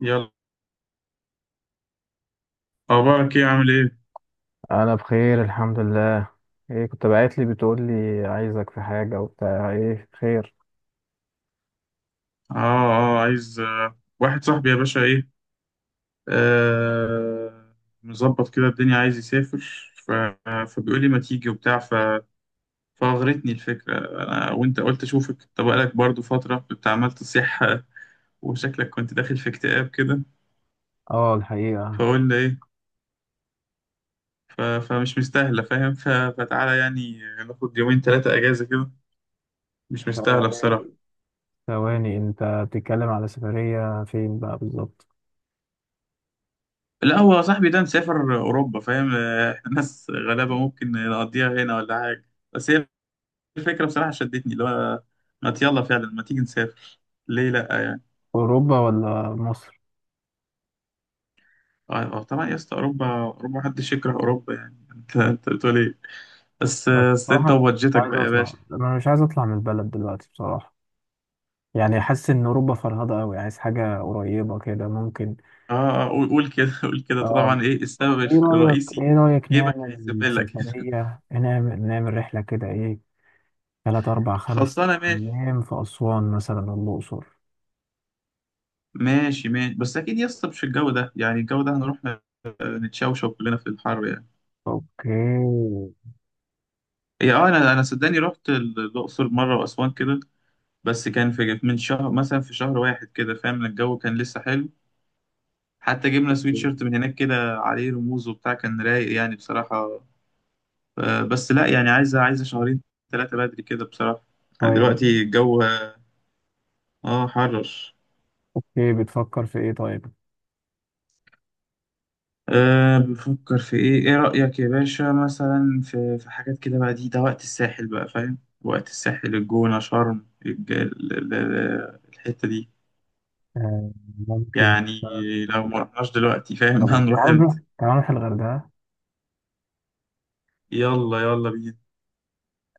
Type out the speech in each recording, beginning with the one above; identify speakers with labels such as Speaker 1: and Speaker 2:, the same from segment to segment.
Speaker 1: يلا، اخبارك ايه؟ عامل ايه؟
Speaker 2: انا بخير الحمد لله. ايه كنت باعت لي بتقول لي عايزك في حاجه وبتاع، ايه خير؟
Speaker 1: اه عايز واحد صاحبي يا باشا ايه. آه، مظبط كده الدنيا، عايز يسافر. ف... فبيقول لي ما تيجي وبتاع. فاغرتني الفكره انا وانت، قلت اشوفك، انت بقالك برضو فتره كنت عمال تصيح. وشكلك كنت داخل في اكتئاب كده.
Speaker 2: اه الحقيقة.
Speaker 1: فقلنا ايه، فمش مستاهله فاهم. فتعالى يعني ناخد يومين ثلاثه اجازه كده، مش مستاهله بصراحه.
Speaker 2: ثواني، ثواني، انت بتتكلم على سفرية فين بقى بالظبط؟
Speaker 1: لا، هو صاحبي ده مسافر أوروبا فاهم، إحنا ناس غلابة ممكن نقضيها هنا ولا حاجة، بس هي الفكرة بصراحة شدتني، اللي هو ما يلا فعلا، ما تيجي نسافر؟ ليه لأ يعني؟
Speaker 2: اوروبا ولا مصر؟
Speaker 1: آه، طبعا يا اسطى أوروبا، أوروبا محدش يكره أوروبا يعني. أنت بتقول إيه؟ بس
Speaker 2: بس
Speaker 1: بس أنت
Speaker 2: بصراحة مش
Speaker 1: وبادجتك
Speaker 2: عايز
Speaker 1: بقى يا
Speaker 2: اطلع،
Speaker 1: باشا.
Speaker 2: انا مش عايز اطلع من البلد دلوقتي بصراحة. يعني حاسس ان اوروبا فرهضة قوي، عايز حاجة قريبة كده ممكن.
Speaker 1: قول كده، قول كده.
Speaker 2: اه،
Speaker 1: طبعا إيه السبب
Speaker 2: ايه رأيك
Speaker 1: الرئيسي؟
Speaker 2: ايه رأيك
Speaker 1: جيبك
Speaker 2: نعمل
Speaker 1: هيسيبلك لك.
Speaker 2: سفرية، نعمل رحلة كده، ايه؟ تلات أربع خمس
Speaker 1: خلصانة ماشي.
Speaker 2: أيام في أسوان مثلا، الأقصر.
Speaker 1: ماشي ماشي، بس أكيد يا اسطى مش الجو ده يعني، الجو ده هنروح نتشوشو كلنا في الحر يعني.
Speaker 2: أوكي،
Speaker 1: هي اه، انا صدقني رحت الاقصر مره واسوان كده، بس كان في من شهر، مثلا في شهر واحد كده فاهم، الجو كان لسه حلو. حتى جبنا سويت شيرت من هناك كده عليه رموز وبتاع، كان رايق يعني بصراحه. بس لا، يعني عايزه شهرين ثلاثه بدري كده بصراحه. يعني
Speaker 2: طيب.
Speaker 1: دلوقتي الجو اه، حرر.
Speaker 2: إيه بتفكر في إيه طيب؟
Speaker 1: أه، بفكر في ايه. ايه رأيك يا باشا مثلا في حاجات كده بقى؟ دي ده وقت الساحل بقى فاهم، وقت الساحل، الجونة، شرم، الحتة دي
Speaker 2: آه ممكن
Speaker 1: يعني.
Speaker 2: مثلا.
Speaker 1: لو ما رحناش دلوقتي فاهم
Speaker 2: طب
Speaker 1: هنروح
Speaker 2: تعال نروح
Speaker 1: امتى؟
Speaker 2: تعال نروح الغردقة.
Speaker 1: يلا يلا بينا.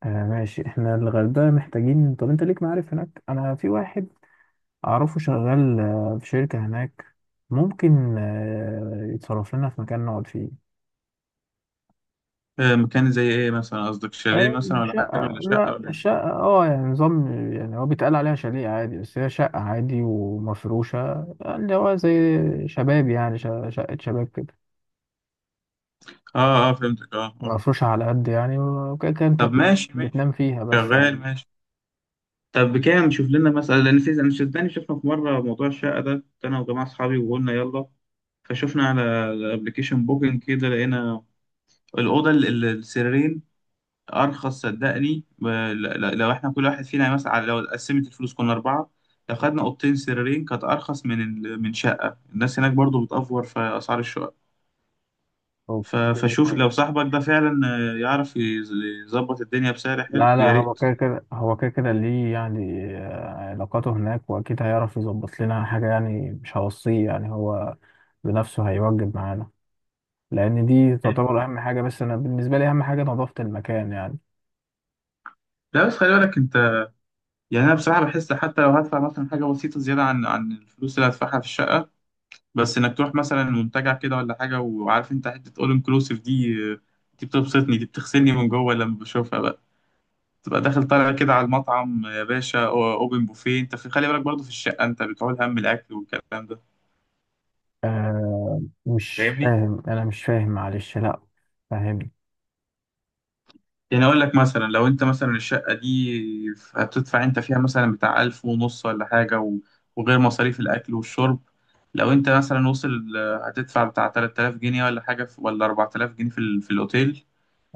Speaker 2: آه ماشي، إحنا الغردقة محتاجين. طب أنت ليك معارف هناك؟ أنا في واحد أعرفه شغال آه في شركة هناك، ممكن آه يتصرف لنا في مكان نقعد فيه.
Speaker 1: مكان زي ايه مثلا؟ قصدك شاليه
Speaker 2: آه،
Speaker 1: مثلا، ولا حاجه، ولا
Speaker 2: شقة،
Speaker 1: شقه،
Speaker 2: لا
Speaker 1: ولا إيه؟
Speaker 2: شقة اه يعني نظام. يعني هو بيتقال عليها شاليه عادي بس هي شقة عادي ومفروشة، اللي هو زي شباب يعني شقة شباب كده.
Speaker 1: اه اه، فهمتك اه اه.
Speaker 2: مفروشة على قد يعني، وكده كده انت
Speaker 1: طب ماشي، ماشي
Speaker 2: بتنام فيها بس
Speaker 1: شغال،
Speaker 2: يعني.
Speaker 1: ماشي. طب بكام؟ نشوف لنا مثلا، لان في، انا صدقني شفنا في مره موضوع الشقه ده، كنت انا وجماعه اصحابي وقلنا يلا. فشفنا على الابلكيشن بوكينج كده، لقينا الاوضه السريرين ارخص صدقني. لو احنا كل واحد فينا مثلا، لو قسمت الفلوس، كنا اربعه لو خدنا اوضتين سريرين، كانت ارخص من من شقه، الناس هناك برضو بتأفور في اسعار الشقق.
Speaker 2: أوكي.
Speaker 1: فشوف لو صاحبك ده فعلا يعرف يظبط الدنيا بسعر حلو
Speaker 2: لا، لا
Speaker 1: يا
Speaker 2: هو
Speaker 1: ريت.
Speaker 2: كده كده هو كده كده ليه يعني، علاقاته هناك وأكيد هيعرف يظبط لنا حاجة، يعني مش هوصيه، يعني هو بنفسه هيوجب معانا. لأن دي تعتبر أهم حاجة، بس أنا بالنسبة لي أهم حاجة نظافة المكان يعني.
Speaker 1: لا بس خلي بالك انت، يعني انا بصراحه بحس حتى لو هدفع مثلا حاجه بسيطه زياده عن الفلوس اللي هدفعها في الشقه، بس انك تروح مثلا منتجع كده ولا حاجه، وعارف انت حته اول انكلوسيف دي دي بتبسطني، دي بتغسلني من جوه لما بشوفها بقى. تبقى داخل طالع كده على المطعم يا باشا، اوبن بوفيه، انت في، خلي بالك برضه في الشقه انت بتعول هم الاكل والكلام ده،
Speaker 2: آه مش
Speaker 1: فاهمني؟
Speaker 2: فاهم، انا مش فاهم، معلش لا. فاهم.
Speaker 1: يعني اقول لك مثلا لو انت مثلا الشقه دي هتدفع انت فيها مثلا بتاع الف ونص ولا حاجه، و- وغير مصاريف الاكل والشرب، لو انت مثلا وصل هتدفع بتاع 3000 جنيه ولا حاجه، ولا 4000 جنيه في في الاوتيل،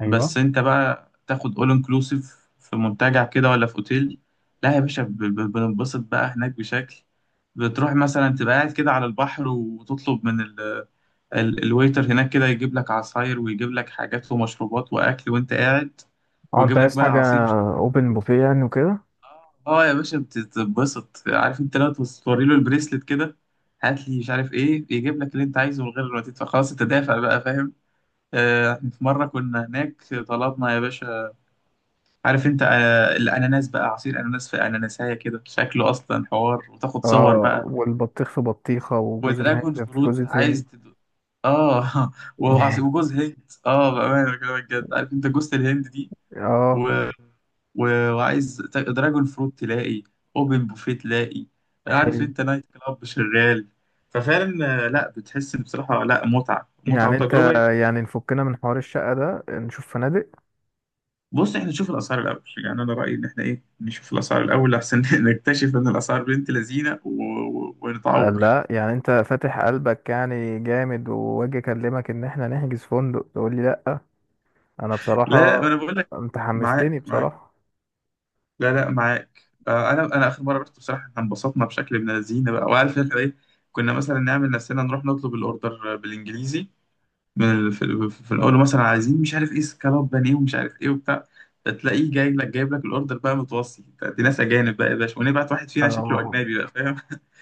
Speaker 2: ايوه.
Speaker 1: بس انت بقى تاخد اول انكلوسيف في منتجع كده ولا في اوتيل، لا يا باشا بننبسط بقى هناك بشكل. بتروح مثلا تبقى قاعد كده على البحر، وتطلب من الويتر هناك كده، يجيب لك عصاير، ويجيب لك حاجات ومشروبات واكل وانت قاعد،
Speaker 2: اه انت
Speaker 1: ويجيب لك
Speaker 2: عايز
Speaker 1: بقى
Speaker 2: حاجة؟
Speaker 1: عصير مش إيه.
Speaker 2: اوبن بوفيه يعني وكده.
Speaker 1: اه يا باشا بتتبسط، عارف انت، لو توري له البريسلت كده هات لي مش عارف ايه، يجيب لك اللي انت عايزه من غير ما تدفع، خلاص انت دافع بقى فاهم. احنا في مرة كنا هناك طلبنا يا باشا، عارف انت الاناناس بقى، عصير اناناس في اناناسايه كده شكله اصلا حوار، وتاخد صور
Speaker 2: اه،
Speaker 1: بقى،
Speaker 2: والبطيخ في بطيخة وجوز
Speaker 1: ودراجون
Speaker 2: الهند في
Speaker 1: فروت،
Speaker 2: جوز الهند.
Speaker 1: عايز اه. وجوز هند اه، بامانه بكلمك جد، عارف انت جوز الهند دي،
Speaker 2: اه.
Speaker 1: و... و... وعايز دراجون فروت تلاقي، اوبن بوفيه تلاقي، عارف
Speaker 2: حلو.
Speaker 1: انت نايت كلاب شغال. ففعلا لا بتحس بصراحه، لا، متعه، متعه
Speaker 2: يعني انت،
Speaker 1: وتجربه.
Speaker 2: يعني نفكنا من حوار الشقة ده نشوف فنادق.
Speaker 1: بص احنا نشوف الاسعار الاول يعني، انا رايي ان احنا ايه، نشوف الاسعار الاول احسن. نكتشف ان الاسعار بنت لذينه، ونتعور.
Speaker 2: لا يعني انت فاتح قلبك يعني جامد، واجي اكلمك ان احنا نحجز فندق تقول لي لا. انا
Speaker 1: لا ما
Speaker 2: بصراحة
Speaker 1: انا بقول لك،
Speaker 2: انت
Speaker 1: معاك
Speaker 2: حمستني
Speaker 1: معاك،
Speaker 2: بصراحة.
Speaker 1: لا معاك. آه، انا اخر مره رحت بصراحه، احنا انبسطنا بشكل ابن لذينه بقى. وعارف احنا ايه، كنا مثلا نعمل نفسنا نروح نطلب الاوردر بالانجليزي من ال... في... في في الاول، مثلا عايزين مش عارف ايه سكالوب بانيه ومش عارف ايه وبتاع، تلاقيه جاي لك جايب لك الاوردر بقى متوصي، دي ناس اجانب بقى يا باشا، ونبعت واحد فينا شكله
Speaker 2: اه،
Speaker 1: اجنبي بقى فاهم.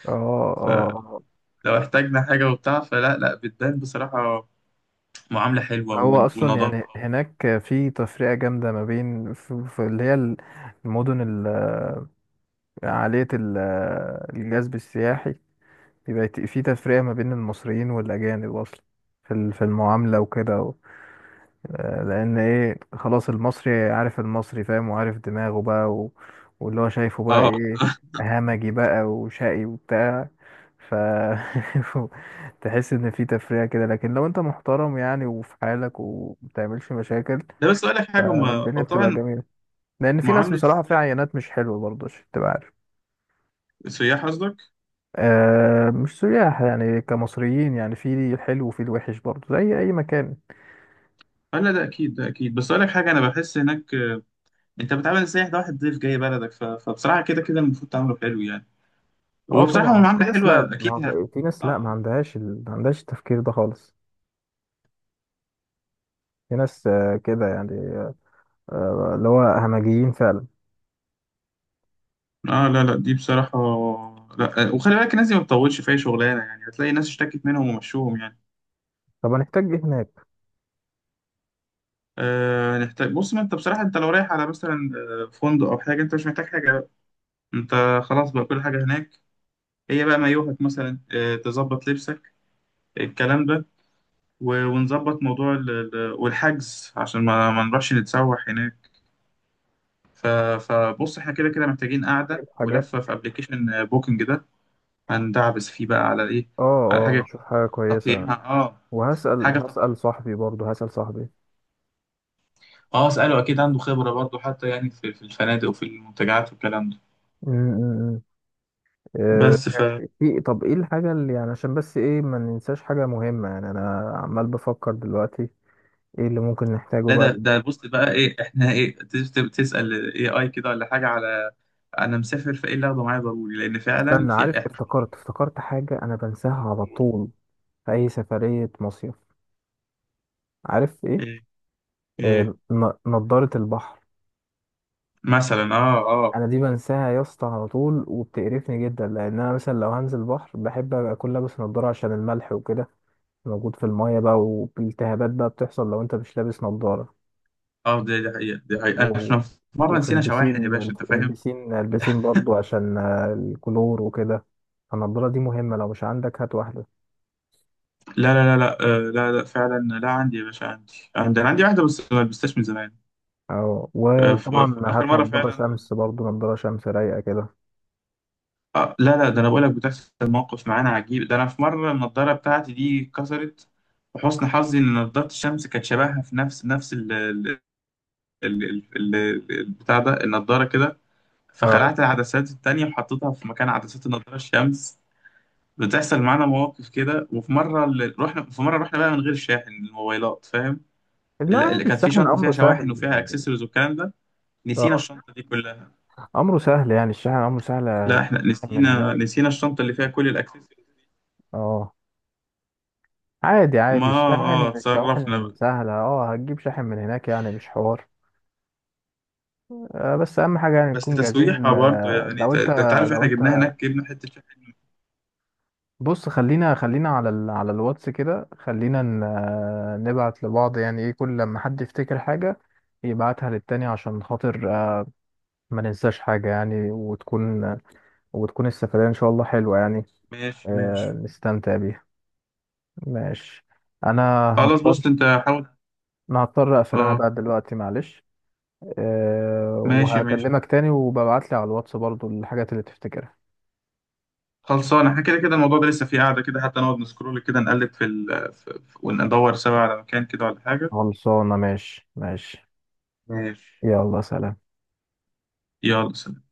Speaker 2: اه، اه.
Speaker 1: لو احتاجنا حاجة وبتاع، فلا لا بتبان بصراحة معاملة حلوة
Speaker 2: هو اصلا
Speaker 1: ونظافة.
Speaker 2: يعني هناك في تفرقه جامده ما بين، في اللي هي المدن عاليه الجذب السياحي، بيبقى في تفرقه ما بين المصريين والاجانب اصلا، في في المعامله وكده لان ايه خلاص، المصري عارف، المصري فاهم وعارف دماغه بقى واللي هو شايفه بقى
Speaker 1: اه،
Speaker 2: ايه، همجي بقى وشقي وبتاع. ف تحس ان في تفرقه كده، لكن لو انت محترم يعني وفي حالك ومبتعملش مشاكل،
Speaker 1: ده بس أقول لك حاجة، ما
Speaker 2: فالدنيا
Speaker 1: هو
Speaker 2: بتبقى
Speaker 1: طبعا
Speaker 2: جميلة. لأن في ناس
Speaker 1: معاملة
Speaker 2: بصراحة فيها
Speaker 1: السياح،
Speaker 2: عينات مش حلوة برضه، عشان تبقى عارف.
Speaker 1: السياح قصدك.
Speaker 2: آه مش سياح، يعني كمصريين يعني، في الحلو وفي الوحش برضه زي أي مكان.
Speaker 1: اه، لا ده أكيد، ده أكيد، بس أقول لك حاجة، أنا بحس هناك أنت بتعامل السياح ده واحد ضيف جاي بلدك، فبصراحة كده كده المفروض تعامله حلو يعني.
Speaker 2: اه
Speaker 1: هو بصراحة هو
Speaker 2: طبعا في
Speaker 1: معاملة
Speaker 2: ناس، لا
Speaker 1: حلوة
Speaker 2: ما
Speaker 1: أكيد
Speaker 2: هو- في ناس لا ما
Speaker 1: اه
Speaker 2: عندهاش ما عندهاش التفكير ده خالص. في ناس آه كده يعني، آه اللي هو همجيين فعلا.
Speaker 1: اه. لا لا دي بصراحة، لا وخلي بالك الناس دي ما بتطولش في أي شغلانة، يعني هتلاقي ناس اشتكت منهم ومشوهم يعني.
Speaker 2: طب هنحتاج ايه هناك؟
Speaker 1: آه نحتاج، بص ما أنت بصراحة أنت لو رايح على مثلا فندق أو حاجة، أنت مش محتاج حاجة، انت خلاص بقى، كل حاجة هناك. هي بقى مايوهك مثلا، اه، تظبط لبسك الكلام ده، و- ونظبط موضوع والحجز عشان ما نروحش نتسوح هناك. ف- فبص احنا كده كده محتاجين قعدة
Speaker 2: نجيب حاجات.
Speaker 1: ولفة في ابلكيشن بوكينج ده، هندعبس فيه بقى على ايه،
Speaker 2: اه.
Speaker 1: على
Speaker 2: اه،
Speaker 1: حاجة
Speaker 2: نشوف حاجة كويسة.
Speaker 1: تقييمها اه،
Speaker 2: وهسأل
Speaker 1: حاجة
Speaker 2: هسأل صاحبي برضه، هسأل صاحبي.
Speaker 1: اه. اسأله اكيد عنده خبرة برضه، حتى يعني في, في الفنادق وفي المنتجعات والكلام ده.
Speaker 2: م- م- م. آه،
Speaker 1: بس
Speaker 2: ماشي. في، طب ايه الحاجة اللي يعني، عشان بس ايه ما ننساش حاجة مهمة يعني، انا عمال بفكر دلوقتي ايه اللي ممكن نحتاجه
Speaker 1: لا،
Speaker 2: بقى.
Speaker 1: ده ده بص بقى ايه، احنا ايه، تسأل اي كده ولا حاجة، على انا مسافر فايه اللي اخده معايا ضروري، لان فعلا
Speaker 2: استنى،
Speaker 1: في،
Speaker 2: عارف
Speaker 1: احنا،
Speaker 2: افتكرت حاجة انا بنساها على طول في اي سفرية مصيف؟ عارف ايه؟
Speaker 1: إيه إيه؟
Speaker 2: نضارة البحر.
Speaker 1: مثلا اه اه،
Speaker 2: انا دي بنساها يا اسطى على طول، وبتقرفني جدا لان انا مثلا لو هنزل بحر بحب ابقى اكون لابس نضارة، عشان الملح وكده موجود في المايه بقى، والتهابات بقى بتحصل لو انت مش لابس نضارة.
Speaker 1: اه دي دي حقيقة، دي حقيقة،
Speaker 2: و...
Speaker 1: احنا في مرة
Speaker 2: وفي
Speaker 1: نسينا شواحن يا
Speaker 2: البسين
Speaker 1: باشا انت فاهم.
Speaker 2: البسين برضو عشان الكلور وكده. فالنضارة دي مهمة، لو مش عندك هات واحدة.
Speaker 1: لا لا لا لا، لا لا فعلا، لا عندي يا باشا، عندي، عندي، انا عندي واحدة، بس ما لبستهاش من زمان.
Speaker 2: اه، وطبعا
Speaker 1: اخر
Speaker 2: هات
Speaker 1: مرة
Speaker 2: نضارة
Speaker 1: فعلا،
Speaker 2: شمس برضو، نضارة شمس رايقة كده.
Speaker 1: لا لا ده انا بقولك بتحصل مواقف معانا عجيب ده، انا في مره النضاره بتاعتي دي اتكسرت، وحسن حظي ان نضاره الشمس كانت شبهها في نفس ال ال البتاع ده، النضاره كده،
Speaker 2: اه
Speaker 1: فخلعت العدسات التانية وحطيتها في مكان عدسات النضاره الشمس. بتحصل معانا مواقف كده. وفي مره رحنا، في مره رحنا بقى من غير شاحن الموبايلات فاهم،
Speaker 2: لا
Speaker 1: اللي
Speaker 2: عادي،
Speaker 1: كانت في
Speaker 2: الشاحن
Speaker 1: شنطه فيها
Speaker 2: أمره
Speaker 1: شواحن
Speaker 2: سهل.
Speaker 1: وفيها اكسسوارز والكلام ده، نسينا
Speaker 2: اه
Speaker 1: الشنطه دي كلها.
Speaker 2: أمره سهل يعني، الشاحن أمره سهل
Speaker 1: لا احنا
Speaker 2: من
Speaker 1: نسينا،
Speaker 2: هناك.
Speaker 1: نسينا الشنطه اللي فيها كل الاكسسوارز.
Speaker 2: اه عادي
Speaker 1: ما
Speaker 2: عادي،
Speaker 1: اه
Speaker 2: الشاحن
Speaker 1: اتصرفنا،
Speaker 2: الشواحن سهلة، اه هتجيب شاحن من هناك يعني مش حوار. آه بس أهم حاجة يعني
Speaker 1: بس
Speaker 2: نكون جاهزين.
Speaker 1: تسويحة برضه
Speaker 2: آه
Speaker 1: يعني،
Speaker 2: لو
Speaker 1: ده
Speaker 2: أنت،
Speaker 1: ده انت عارف
Speaker 2: لو
Speaker 1: احنا جبناها
Speaker 2: أنت
Speaker 1: هناك، جبنا حتة شحن.
Speaker 2: بص خلينا على على الواتس كده، خلينا نبعت لبعض يعني، ايه كل لما حد يفتكر حاجة يبعتها للتاني، عشان خاطر ما ننساش حاجة يعني، وتكون السفرية ان شاء الله حلوة يعني،
Speaker 1: ماشي ماشي،
Speaker 2: نستمتع بيها. ماشي. انا
Speaker 1: خلاص بص
Speaker 2: هضطر،
Speaker 1: انت حاول.
Speaker 2: انا هضطر اقفل انا
Speaker 1: اه
Speaker 2: بقى دلوقتي معلش. أه
Speaker 1: ماشي ماشي،
Speaker 2: وهكلمك تاني، وببعتلي على الواتس برضو الحاجات اللي تفتكرها.
Speaker 1: خلصانة، احنا كده كده الموضوع ده لسه فيه قاعدة كده، حتى نقعد نسكرول كده، نقلب في, وندور سوا على مكان كده ولا حاجة.
Speaker 2: خلصانة، ماشي ماشي.
Speaker 1: ماشي.
Speaker 2: يلا سلام.
Speaker 1: يلا سلام.